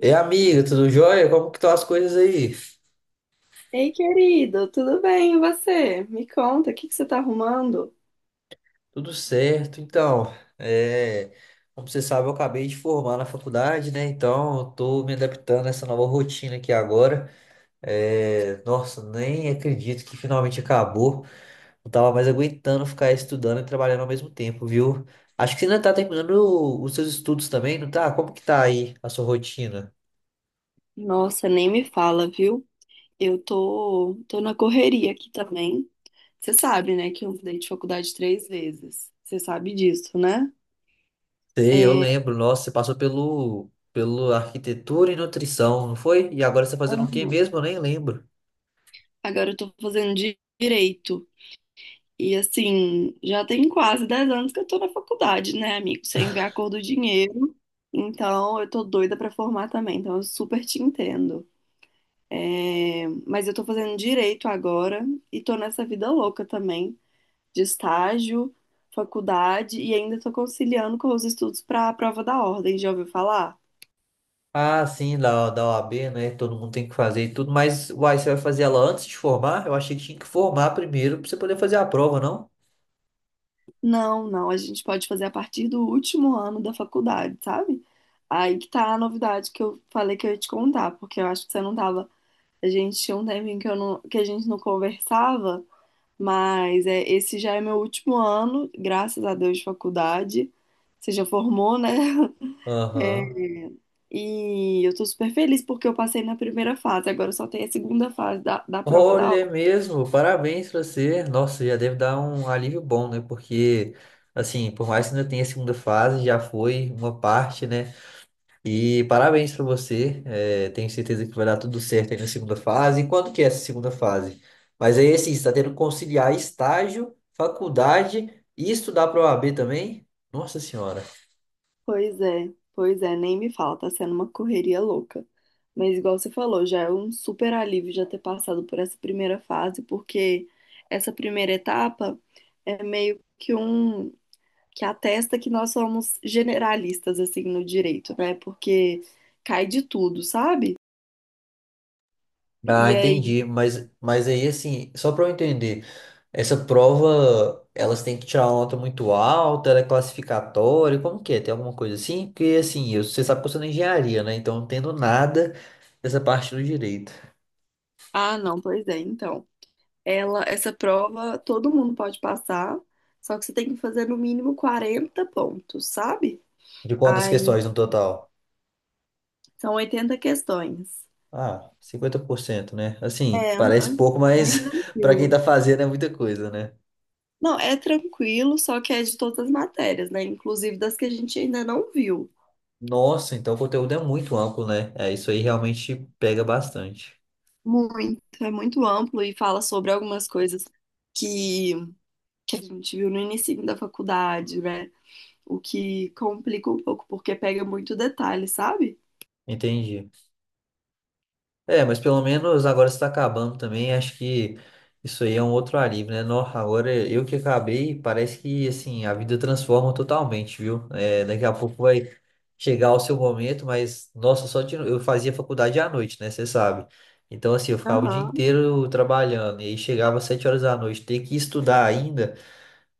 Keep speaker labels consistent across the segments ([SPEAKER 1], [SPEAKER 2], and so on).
[SPEAKER 1] E amiga, tudo jóia? Como que estão as coisas aí?
[SPEAKER 2] Ei, querido, tudo bem? E você? Me conta, o que que você tá arrumando?
[SPEAKER 1] Tudo certo, então. é, Como você sabe, eu acabei de formar na faculdade, né? Então, eu tô me adaptando a essa nova rotina aqui agora. É, nossa, nem acredito que finalmente acabou. Não tava mais aguentando ficar estudando e trabalhando ao mesmo tempo, viu? Acho que você ainda tá terminando os seus estudos também, não tá? Como que tá aí a sua rotina?
[SPEAKER 2] Nossa, nem me fala, viu? Eu tô na correria aqui também. Você sabe, né, que eu mudei de faculdade 3 vezes. Você sabe disso, né?
[SPEAKER 1] Sei, eu lembro. Nossa, você passou pelo arquitetura e nutrição, não foi? E agora você tá fazendo o quê
[SPEAKER 2] Aham.
[SPEAKER 1] mesmo? Eu nem lembro.
[SPEAKER 2] Agora eu tô fazendo direito. E assim, já tem quase 10 anos que eu tô na faculdade, né, amigo? Sem ver a cor do dinheiro. Então, eu tô doida pra formar também. Então, eu super te entendo. É, mas eu tô fazendo direito agora e tô nessa vida louca também, de estágio, faculdade e ainda tô conciliando com os estudos para a prova da ordem, já ouviu falar?
[SPEAKER 1] Ah, sim, da OAB, né? Todo mundo tem que fazer e tudo, mas uai, você vai fazer ela antes de formar? Eu achei que tinha que formar primeiro pra você poder fazer a prova, não?
[SPEAKER 2] Não, não, a gente pode fazer a partir do último ano da faculdade, sabe? Aí que tá a novidade que eu falei que eu ia te contar, porque eu acho que você não tava. A gente tinha um tempinho que, eu não, que a gente não conversava, mas é, esse já é meu último ano, graças a Deus, de faculdade. Você já formou, né?
[SPEAKER 1] Aham.
[SPEAKER 2] E eu tô super feliz porque eu passei na primeira fase, agora só tem a segunda fase da prova da
[SPEAKER 1] Olha é
[SPEAKER 2] hora.
[SPEAKER 1] mesmo, parabéns pra você. Nossa, já deve dar um alívio bom, né? Porque, assim, por mais que ainda tenha a segunda fase, já foi uma parte, né? E parabéns para você. É, tenho certeza que vai dar tudo certo aí na segunda fase. E quando que é essa segunda fase? Mas aí, assim, você está tendo que conciliar estágio, faculdade e estudar para o OAB também? Nossa Senhora.
[SPEAKER 2] Pois é, nem me fala, tá sendo uma correria louca. Mas igual você falou, já é um super alívio já ter passado por essa primeira fase, porque essa primeira etapa é meio que um que atesta que nós somos generalistas assim no direito, né? Porque cai de tudo, sabe?
[SPEAKER 1] Ah,
[SPEAKER 2] E aí,
[SPEAKER 1] entendi. Mas aí, assim, só para eu entender, essa prova, elas têm que tirar uma nota muito alta, ela é classificatória, como que é? Tem alguma coisa assim? Porque, assim, eu- você sabe que eu sou da engenharia, né? Então, eu não entendo nada dessa parte do direito.
[SPEAKER 2] ah, não, pois é, então. Ela, essa prova todo mundo pode passar, só que você tem que fazer no mínimo 40 pontos, sabe?
[SPEAKER 1] De quantas
[SPEAKER 2] Aí
[SPEAKER 1] questões no total?
[SPEAKER 2] são 80 questões.
[SPEAKER 1] Ah, 50%, né? Assim,
[SPEAKER 2] É,
[SPEAKER 1] parece
[SPEAKER 2] aham.
[SPEAKER 1] pouco,
[SPEAKER 2] Bem
[SPEAKER 1] mas para quem tá
[SPEAKER 2] tranquilo.
[SPEAKER 1] fazendo é muita coisa, né?
[SPEAKER 2] Não, é tranquilo, só que é de todas as matérias, né? Inclusive das que a gente ainda não viu.
[SPEAKER 1] Nossa, então o conteúdo é muito amplo, né? É, isso aí realmente pega bastante.
[SPEAKER 2] Muito, é muito amplo e fala sobre algumas coisas que, que a gente viu no início da faculdade, né? O que complica um pouco, porque pega muito detalhe, sabe?
[SPEAKER 1] Entendi. É, mas pelo menos agora está acabando também. Acho que isso aí é um outro alívio, né? No, agora eu que acabei, parece que assim a vida transforma totalmente, viu? É, daqui a pouco vai chegar o seu momento, mas nossa, só de, eu fazia faculdade à noite, né? Você sabe. Então assim eu ficava o dia
[SPEAKER 2] Aham.
[SPEAKER 1] inteiro trabalhando e aí chegava às sete horas da noite, ter que estudar ainda.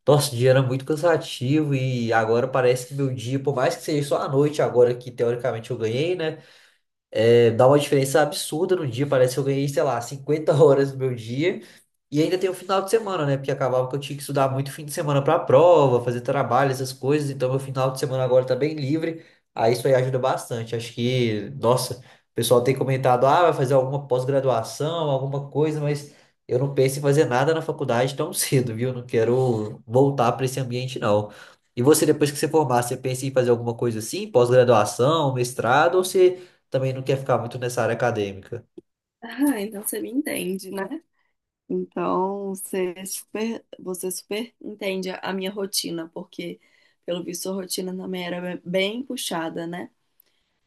[SPEAKER 1] Nossa, o dia era muito cansativo e agora parece que meu dia, por mais que seja só à noite agora que teoricamente eu ganhei, né? É, dá uma diferença absurda no dia. Parece que eu ganhei, sei lá, 50 horas do meu dia. E ainda tem o final de semana, né? Porque acabava que eu tinha que estudar muito fim de semana pra prova, fazer trabalho, essas coisas. Então, meu final de semana agora tá bem livre. Aí isso aí ajuda bastante. Acho que, nossa, o pessoal tem comentado, ah, vai fazer alguma pós-graduação, alguma coisa, mas eu não penso em fazer nada na faculdade tão cedo, viu? Não quero voltar pra esse ambiente, não. E você, depois que você formar, você pensa em fazer alguma coisa assim, pós-graduação, mestrado, ou você também não quer ficar muito nessa área acadêmica.
[SPEAKER 2] Ah, então você me entende, né? Então, você é super, você super entende a minha rotina, porque, pelo visto, a rotina também era bem puxada, né?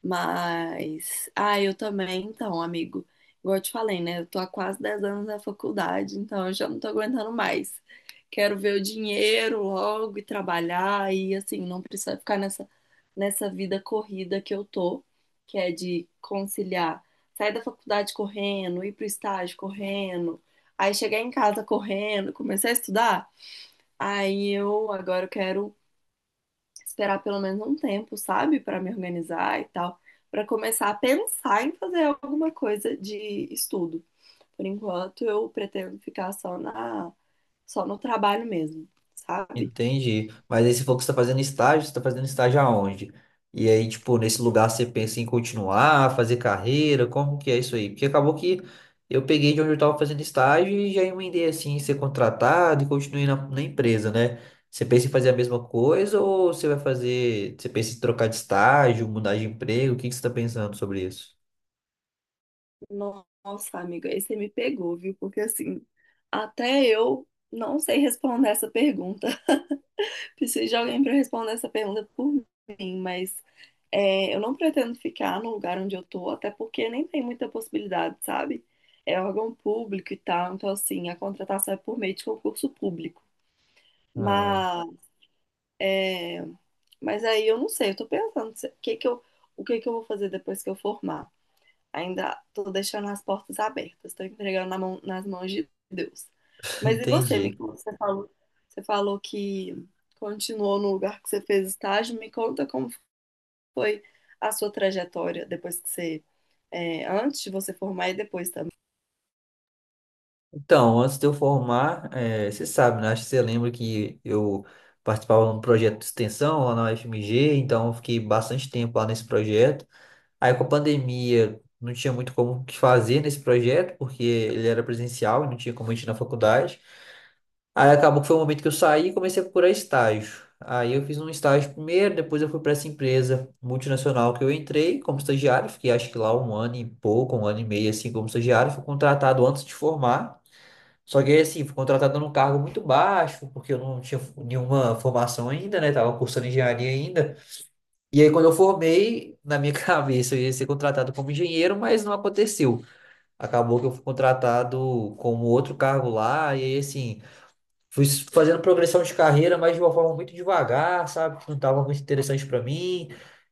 [SPEAKER 2] Mas, ah, eu também, então, amigo. Igual eu te falei, né? Eu tô há quase 10 anos na faculdade, então eu já não tô aguentando mais. Quero ver o dinheiro logo e trabalhar e, assim, não precisar ficar nessa vida corrida que eu tô, que é de conciliar sair da faculdade correndo, ir pro estágio correndo, aí chegar em casa correndo, começar a estudar. Aí eu agora eu quero esperar pelo menos um tempo, sabe, para me organizar e tal, para começar a pensar em fazer alguma coisa de estudo. Por enquanto, eu pretendo ficar só no trabalho mesmo, sabe?
[SPEAKER 1] Entendi. Mas aí você falou que você está fazendo estágio, você está fazendo estágio aonde? E aí, tipo, nesse lugar você pensa em continuar, fazer carreira, como que é isso aí? Porque acabou que eu peguei de onde eu estava fazendo estágio e já emendei assim, em ser contratado e continuei na empresa, né? Você pensa em fazer a mesma coisa ou você vai fazer, você pensa em trocar de estágio, mudar de emprego? O que que você está pensando sobre isso?
[SPEAKER 2] Nossa, amiga, aí você me pegou, viu? Porque assim, até eu não sei responder essa pergunta. Preciso de alguém para responder essa pergunta por mim, mas é, eu não pretendo ficar no lugar onde eu tô, até porque nem tem muita possibilidade, sabe? É órgão público e tal, então assim, a contratação é por meio de concurso público.
[SPEAKER 1] Ah,
[SPEAKER 2] Mas, é, mas aí eu não sei, eu tô pensando o que que eu, o que que eu vou fazer depois que eu formar. Ainda tô deixando as portas abertas, tô entregando nas mãos de Deus. Mas e você, me
[SPEAKER 1] entendi.
[SPEAKER 2] conta, você falou que continuou no lugar que você fez estágio. Me conta como foi a sua trajetória depois que você, é, antes de você formar e depois também.
[SPEAKER 1] Então, antes de eu formar, você sabe, né? Acho que você lembra que eu participava de um projeto de extensão lá na UFMG, então eu fiquei bastante tempo lá nesse projeto. Aí com a pandemia não tinha muito como o que fazer nesse projeto, porque ele era presencial e não tinha como a gente ir na faculdade. Aí acabou que foi o momento que eu saí e comecei a procurar estágio. Aí eu fiz um estágio primeiro, depois eu fui para essa empresa multinacional que eu entrei como estagiário, fiquei acho que lá um ano e pouco, um ano e meio assim como estagiário, fui contratado antes de formar. Só que aí, assim, fui contratado num cargo muito baixo, porque eu não tinha nenhuma formação ainda, né? Tava cursando engenharia ainda. E aí, quando eu formei, na minha cabeça, eu ia ser contratado como engenheiro, mas não aconteceu. Acabou que eu fui contratado como outro cargo lá, e aí, assim, fui fazendo progressão de carreira, mas de uma forma muito devagar, sabe? Que não estava muito interessante para mim.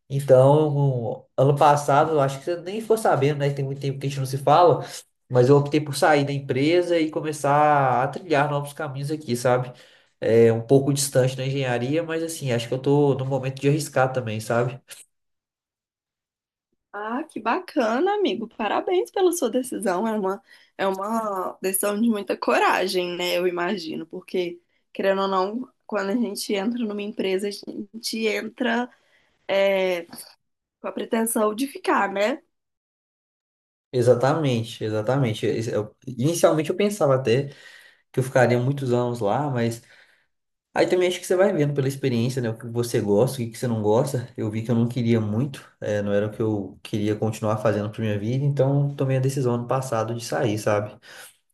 [SPEAKER 1] Então, ano passado, eu acho que você nem ficou sabendo, né? Tem muito tempo que a gente não se fala, mas eu optei por sair da empresa e começar a trilhar novos caminhos aqui, sabe? É um pouco distante da engenharia, mas assim, acho que eu tô no momento de arriscar também, sabe?
[SPEAKER 2] Ah, que bacana, amigo. Parabéns pela sua decisão. É uma decisão de muita coragem, né? Eu imagino, porque, querendo ou não, quando a gente entra numa empresa, a gente entra é, com a pretensão de ficar, né?
[SPEAKER 1] Exatamente, exatamente. Inicialmente eu pensava até que eu ficaria muitos anos lá, mas aí também acho que você vai vendo pela experiência, né? O que você gosta, o que que você não gosta. Eu vi que eu não queria muito, não era o que eu queria continuar fazendo pra minha vida, então tomei a decisão ano passado de sair, sabe?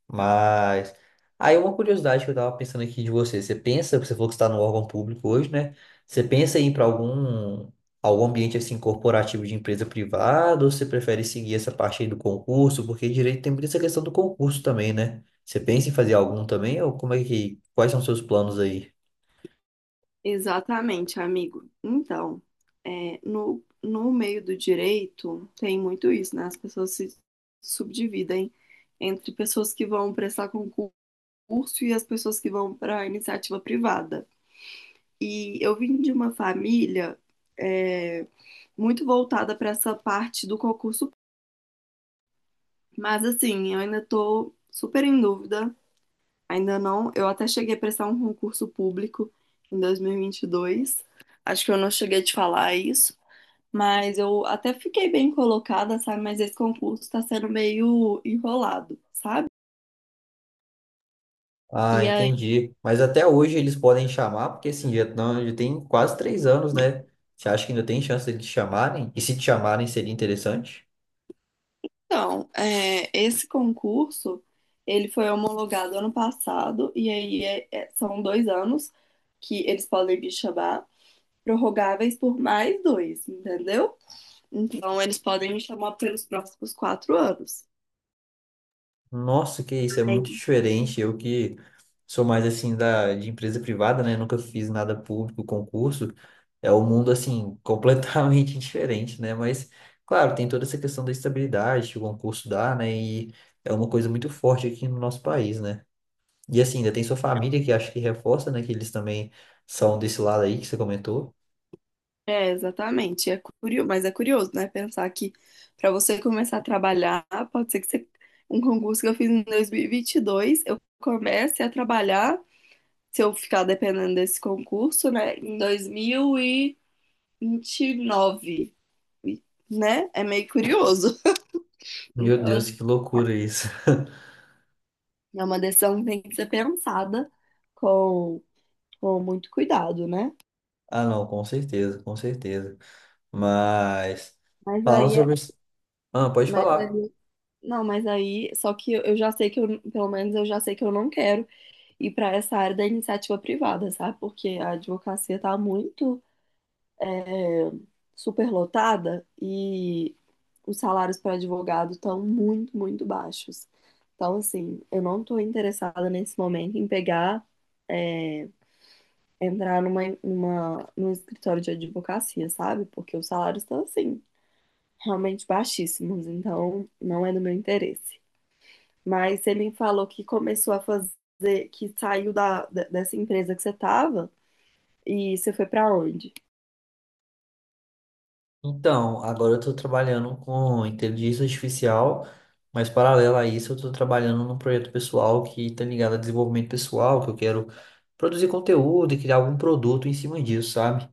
[SPEAKER 1] Mas. Aí uma curiosidade que eu tava pensando aqui de você. Você pensa, você falou que está no órgão público hoje, né? Você pensa em ir pra algum, algum ambiente assim corporativo de empresa privada, ou você prefere seguir essa parte aí do concurso? Porque direito tem muita essa questão do concurso também, né? Você pensa em fazer algum também, ou como é que. Quais são os seus planos aí?
[SPEAKER 2] Exatamente, amigo. Então, é, no meio do direito tem muito isso, né? As pessoas se subdividem entre pessoas que vão prestar concurso e as pessoas que vão para iniciativa privada. E eu vim de uma família é, muito voltada para essa parte do concurso, mas assim, eu ainda tô super em dúvida. Ainda não. Eu até cheguei a prestar um concurso público em 2022. Acho que eu não cheguei a te falar isso, mas eu até fiquei bem colocada, sabe? Mas esse concurso está sendo meio enrolado, sabe?
[SPEAKER 1] Ah,
[SPEAKER 2] E aí,
[SPEAKER 1] entendi. Mas até hoje eles podem chamar, porque assim, já, não, já tem quase três anos, né? Você acha que ainda tem chance de te chamarem? E se te chamarem, seria interessante?
[SPEAKER 2] então, é, esse concurso, ele foi homologado ano passado, e aí são 2 anos que eles podem me chamar, prorrogáveis por mais dois, entendeu? Então, eles podem me chamar pelos próximos 4 anos.
[SPEAKER 1] Nossa, que isso, é muito diferente. Eu que sou mais assim da, de empresa privada, né? Nunca fiz nada público, concurso. É um mundo assim, completamente diferente, né? Mas, claro, tem toda essa questão da estabilidade que o concurso dá, né? E é uma coisa muito forte aqui no nosso país, né? E assim, ainda tem sua família que acho que reforça, né? Que eles também são desse lado aí que você comentou.
[SPEAKER 2] É, exatamente. É curioso, mas é curioso, né? Pensar que para você começar a trabalhar, pode ser um concurso que eu fiz em 2022, eu comece a trabalhar, se eu ficar dependendo desse concurso, né, em 2029, E, 29, né? É meio curioso.
[SPEAKER 1] Meu
[SPEAKER 2] Então,
[SPEAKER 1] Deus,
[SPEAKER 2] assim,
[SPEAKER 1] que loucura isso.
[SPEAKER 2] é uma decisão que tem que ser pensada com, com muito cuidado, né?
[SPEAKER 1] Ah, não, com certeza, com certeza. Mas,
[SPEAKER 2] Mas
[SPEAKER 1] falando
[SPEAKER 2] aí, é-
[SPEAKER 1] sobre. Ah, pode
[SPEAKER 2] mas
[SPEAKER 1] falar.
[SPEAKER 2] aí, não, mas aí, só que eu já sei que eu, pelo menos eu já sei que eu não quero e para essa área da iniciativa privada, sabe? Porque a advocacia está muito é, superlotada e os salários para advogado estão muito, muito baixos. Então, assim, eu não estou interessada nesse momento em pegar, é, entrar num escritório de advocacia, sabe? Porque os salários estão, assim, realmente baixíssimos. Então, não é do meu interesse. Mas você me falou que começou a fazer, que saiu dessa empresa que você estava. E você foi pra onde?
[SPEAKER 1] Então, agora eu estou trabalhando com inteligência artificial, mas paralelo a isso, eu estou trabalhando num projeto pessoal que está ligado a desenvolvimento pessoal, que eu quero produzir conteúdo e criar algum produto em cima disso, sabe?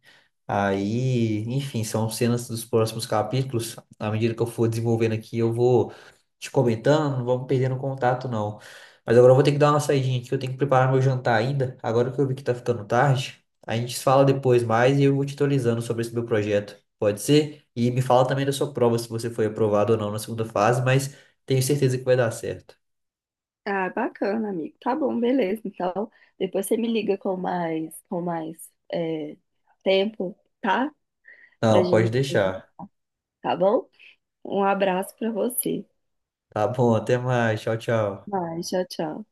[SPEAKER 1] Aí, enfim, são cenas dos próximos capítulos. À medida que eu for desenvolvendo aqui, eu vou te comentando, não vamos perdendo contato, não. Mas agora eu vou ter que dar uma saidinha aqui, eu tenho que preparar meu jantar ainda. Agora que eu vi que tá ficando tarde, a gente se fala depois mais e eu vou te atualizando sobre esse meu projeto. Pode ser? E me fala também da sua prova, se você foi aprovado ou não na segunda fase, mas tenho certeza que vai dar certo.
[SPEAKER 2] Ah, bacana, amigo. Tá bom, beleza. Então, depois você me liga com mais é, tempo, tá? Pra
[SPEAKER 1] Não, pode
[SPEAKER 2] gente,
[SPEAKER 1] deixar.
[SPEAKER 2] tá bom? Um abraço pra você.
[SPEAKER 1] Tá bom, até mais. Tchau, tchau.
[SPEAKER 2] Vai, tchau, tchau.